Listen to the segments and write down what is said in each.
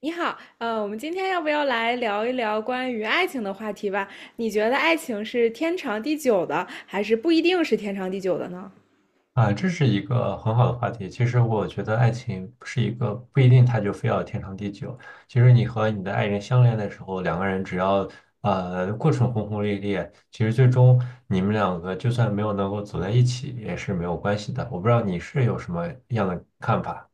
你好，我们今天要不要来聊一聊关于爱情的话题吧？你觉得爱情是天长地久的，还是不一定是天长地久的呢？啊，这是一个很好的话题。其实我觉得爱情不是一个不一定它就非要天长地久。其实你和你的爱人相恋的时候，两个人只要过程轰轰烈烈，其实最终你们两个就算没有能够走在一起也是没有关系的。我不知道你是有什么样的看法。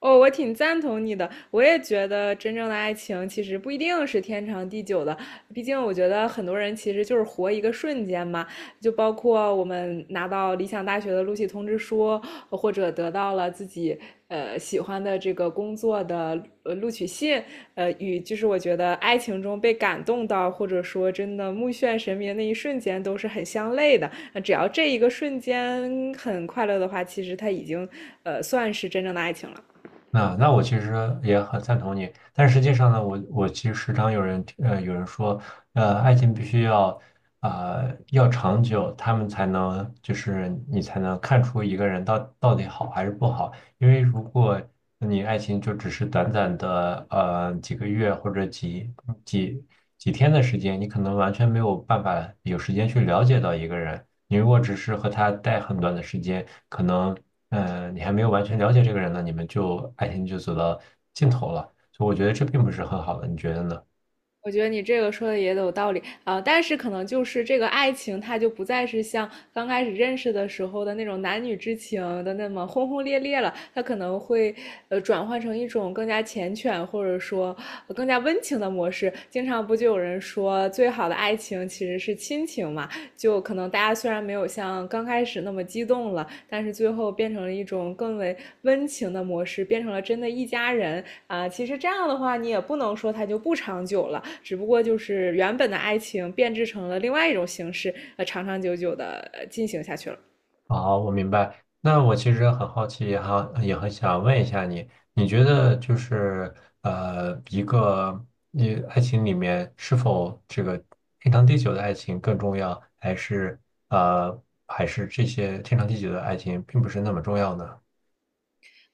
哦，我挺赞同你的，我也觉得真正的爱情其实不一定是天长地久的，毕竟我觉得很多人其实就是活一个瞬间嘛，就包括我们拿到理想大学的录取通知书，或者得到了自己喜欢的这个工作的录取信，与就是我觉得爱情中被感动到，或者说真的目眩神迷的那一瞬间都是很相类的。那只要这一个瞬间很快乐的话，其实它已经算是真正的爱情了。那我其实也很赞同你，但实际上呢，我其实时常有人有人说，爱情必须要要长久，他们才能就是你才能看出一个人到底好还是不好，因为如果你爱情就只是短短的几个月或者几几天的时间，你可能完全没有办法有时间去了解到一个人，你如果只是和他待很短的时间，可能。嗯，你还没有完全了解这个人呢，你们就爱情就走到尽头了，所以我觉得这并不是很好的，你觉得呢？我觉得你这个说的也有道理啊，但是可能就是这个爱情，它就不再是像刚开始认识的时候的那种男女之情的那么轰轰烈烈了，它可能会转换成一种更加缱绻或者说更加温情的模式。经常不就有人说，最好的爱情其实是亲情嘛？就可能大家虽然没有像刚开始那么激动了，但是最后变成了一种更为温情的模式，变成了真的一家人啊。其实这样的话，你也不能说它就不长久了，只不过就是原本的爱情变质成了另外一种形式，长长久久的进行下去了。好，我明白。那我其实很好奇，也很想问一下你，你觉得就是一个你爱情里面是否这个天长地久的爱情更重要，还是呃，还是这些天长地久的爱情并不是那么重要呢？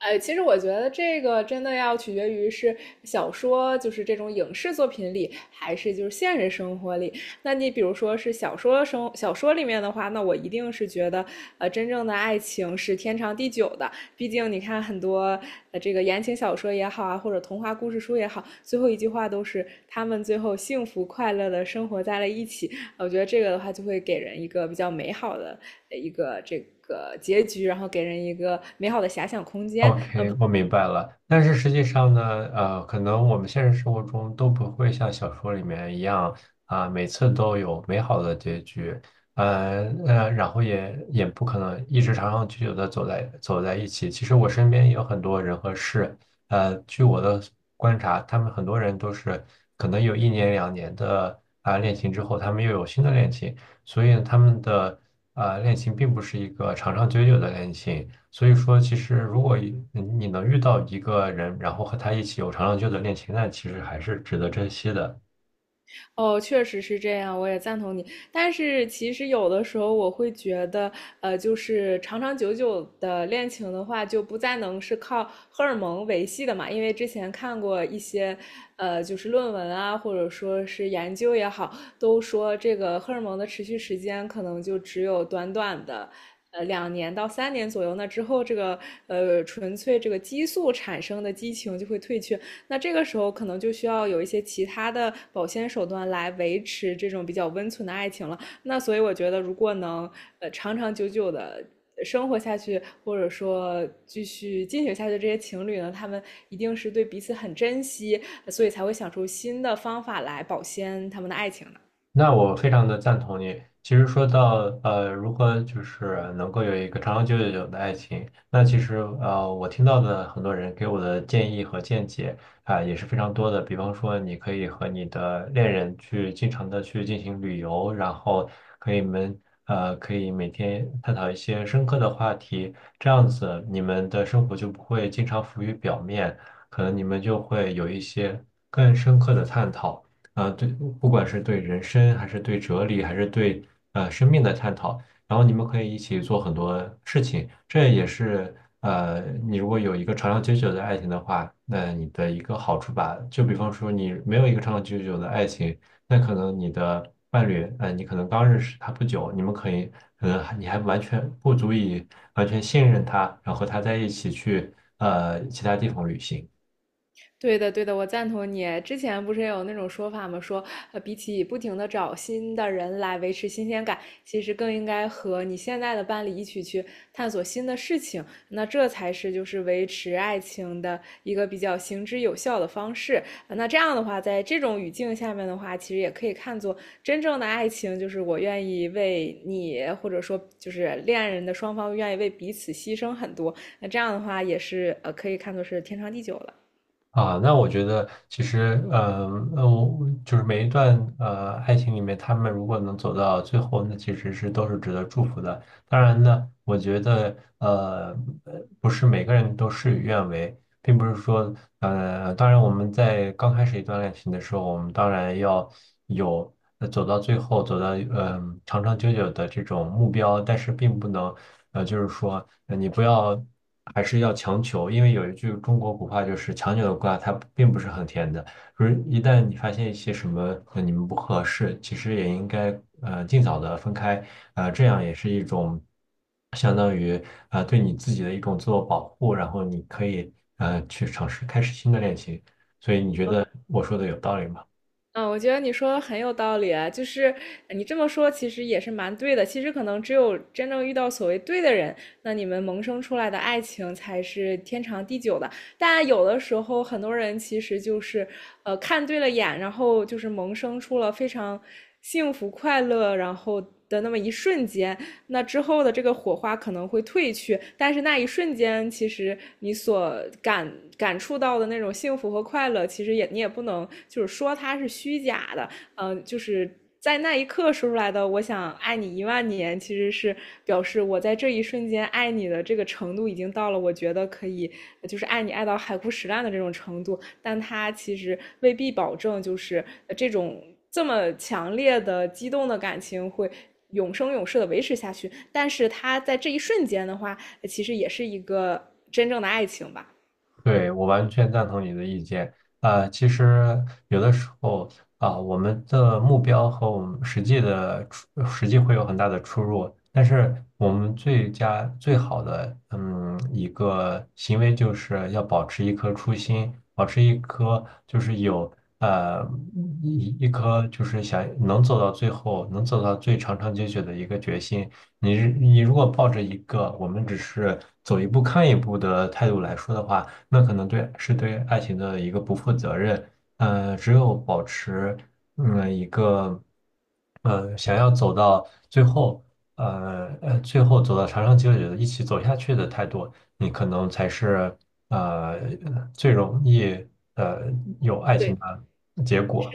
其实我觉得这个真的要取决于是小说，就是这种影视作品里，还是就是现实生活里。那你比如说是小说里面的话，那我一定是觉得，真正的爱情是天长地久的。毕竟你看很多这个言情小说也好啊，或者童话故事书也好，最后一句话都是他们最后幸福快乐的生活在了一起。我觉得这个的话就会给人一个比较美好的一个这个结局，然后给人一个美好的遐想空间。OK，我明白了。但是实际上呢，可能我们现实生活中都不会像小说里面一样啊，每次都有美好的结局，然后也不可能一直长长久久的走在一起。其实我身边也有很多人和事，据我的观察，他们很多人都是可能有一年两年的啊恋情之后，他们又有新的恋情，所以他们的啊恋情并不是一个长长久久的恋情。所以说，其实如果你能遇到一个人，然后和他一起有长长久久的恋情，那其实还是值得珍惜的。哦，确实是这样，我也赞同你。但是其实有的时候我会觉得，就是长长久久的恋情的话，就不再能是靠荷尔蒙维系的嘛。因为之前看过一些，就是论文啊，或者说是研究也好，都说这个荷尔蒙的持续时间可能就只有短短的。两年到三年左右，那之后这个纯粹这个激素产生的激情就会退却。那这个时候可能就需要有一些其他的保鲜手段来维持这种比较温存的爱情了。那所以我觉得，如果能长长久久的生活下去，或者说继续进行下去，这些情侣呢，他们一定是对彼此很珍惜，所以才会想出新的方法来保鲜他们的爱情的。那我非常的赞同你。其实说到如何就是能够有一个长长久久的爱情，那其实我听到的很多人给我的建议和见解啊，也是非常多的。比方说，你可以和你的恋人去经常的去进行旅游，然后可以们可以每天探讨一些深刻的话题，这样子你们的生活就不会经常浮于表面，可能你们就会有一些更深刻的探讨。呃，对，不管是对人生，还是对哲理，还是对生命的探讨，然后你们可以一起做很多事情，这也是你如果有一个长长久久的爱情的话，那你的一个好处吧。就比方说你没有一个长长久久的爱情，那可能你的伴侣，你可能刚认识他不久，你们可以，可能你还完全不足以完全信任他，然后和他在一起去其他地方旅行。对的，对的，我赞同你。之前不是也有那种说法吗？说，比起不停的找新的人来维持新鲜感，其实更应该和你现在的伴侣一起去探索新的事情。那这才是就是维持爱情的一个比较行之有效的方式。那这样的话，在这种语境下面的话，其实也可以看作真正的爱情，就是我愿意为你，或者说就是恋人的双方愿意为彼此牺牲很多。那这样的话，也是可以看作是天长地久了。啊，那我觉得其实，嗯，那我就是每一段爱情里面，他们如果能走到最后，那其实是都是值得祝福的。当然呢，我觉得不是每个人都事与愿违，并不是说当然我们在刚开始一段恋情的时候，我们当然要有走到最后，走到长长久久的这种目标，但是并不能就是说你不要还是要强求，因为有一句中国古话就是强扭的瓜，它并不是很甜的。就是一旦你发现一些什么和你们不合适，其实也应该尽早的分开，这样也是一种相当于对你自己的一种自我保护，然后你可以去尝试开始新的恋情。所以你觉得我说的有道理吗？嗯，我觉得你说的很有道理啊，就是你这么说，其实也是蛮对的。其实可能只有真正遇到所谓对的人，那你们萌生出来的爱情才是天长地久的。但有的时候，很多人其实就是看对了眼，然后就是萌生出了非常幸福快乐，然后的那么一瞬间，那之后的这个火花可能会褪去，但是那一瞬间，其实你所感感触到的那种幸福和快乐，其实也你也不能就是说它是虚假的，就是在那一刻说出来的“我想爱你一万年”，其实是表示我在这一瞬间爱你的这个程度已经到了，我觉得可以就是爱你爱到海枯石烂的这种程度。但它其实未必保证就是这种这么强烈的激动的感情会。永生永世的维持下去，但是他在这一瞬间的话，其实也是一个真正的爱情吧。对，我完全赞同你的意见。啊、其实有的时候啊、我们的目标和我们实际的实际会有很大的出入。但是我们最好的嗯一个行为就是要保持一颗初心，保持一颗就是有呃一颗就是想能走到最后，能走到最长长久久的一个决心。你如果抱着一个我们只是走一步看一步的态度来说的话，那可能是对爱情的一个不负责任。只有保持嗯一个想要走到最后，最后走到长长久久的一起走下去的态度，你可能才是呃最容易呃有爱情对的结果。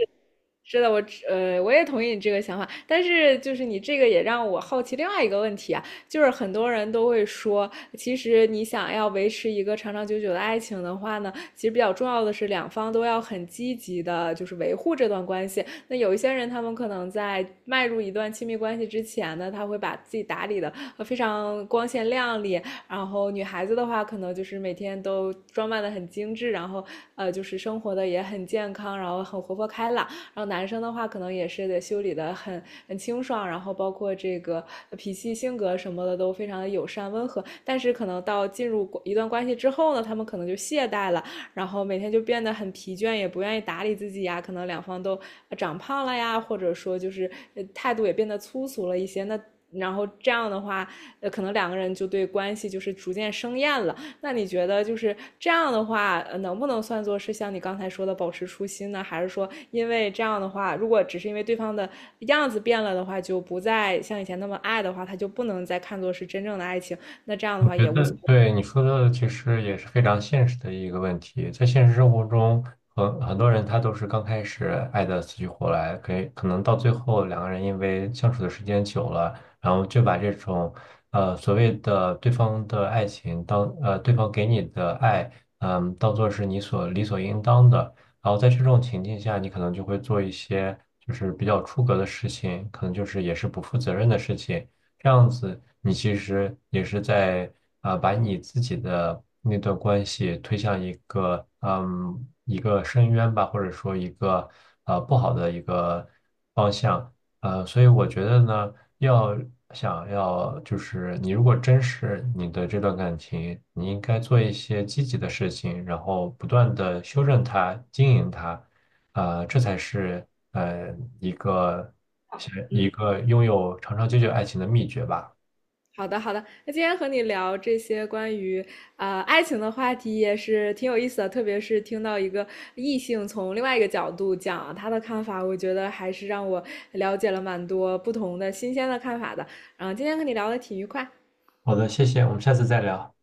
是的，我我也同意你这个想法，但是就是你这个也让我好奇另外一个问题啊，就是很多人都会说，其实你想要维持一个长长久久的爱情的话呢，其实比较重要的是两方都要很积极的，就是维护这段关系。那有一些人，他们可能在迈入一段亲密关系之前呢，他会把自己打理的非常光鲜亮丽，然后女孩子的话，可能就是每天都装扮的很精致，然后就是生活的也很健康，然后很活泼开朗。然后男生的话，可能也是得修理的很清爽，然后包括这个脾气、性格什么的都非常的友善温和。但是可能到进入一段关系之后呢，他们可能就懈怠了，然后每天就变得很疲倦，也不愿意打理自己呀。可能两方都长胖了呀，或者说就是态度也变得粗俗了一些。那然后这样的话，可能两个人就对关系就是逐渐生厌了。那你觉得就是这样的话，能不能算作是像你刚才说的保持初心呢？还是说，因为这样的话，如果只是因为对方的样子变了的话，就不再像以前那么爱的话，他就不能再看作是真正的爱情？那这样的我话觉也无得所谓。对你说的其实也是非常现实的一个问题，在现实生活中，很多人他都是刚开始爱的死去活来，可能到最后两个人因为相处的时间久了，然后就把这种所谓的对方的爱情对方给你的爱，嗯，当做是你所理所应当的，然后在这种情境下，你可能就会做一些就是比较出格的事情，可能就是也是不负责任的事情。这样子，你其实也是在把你自己的那段关系推向一个一个深渊吧，或者说一个不好的一个方向。呃，所以我觉得呢，想要就是你如果珍视你的这段感情，你应该做一些积极的事情，然后不断的修正它、经营它，啊、这才是呃一个是一嗯个拥有长长久久爱情的秘诀吧。好的，好的。那今天和你聊这些关于爱情的话题也是挺有意思的，特别是听到一个异性从另外一个角度讲他的看法，我觉得还是让我了解了蛮多不同的新鲜的看法的。嗯，今天和你聊的挺愉快。好的，谢谢，我们下次再聊。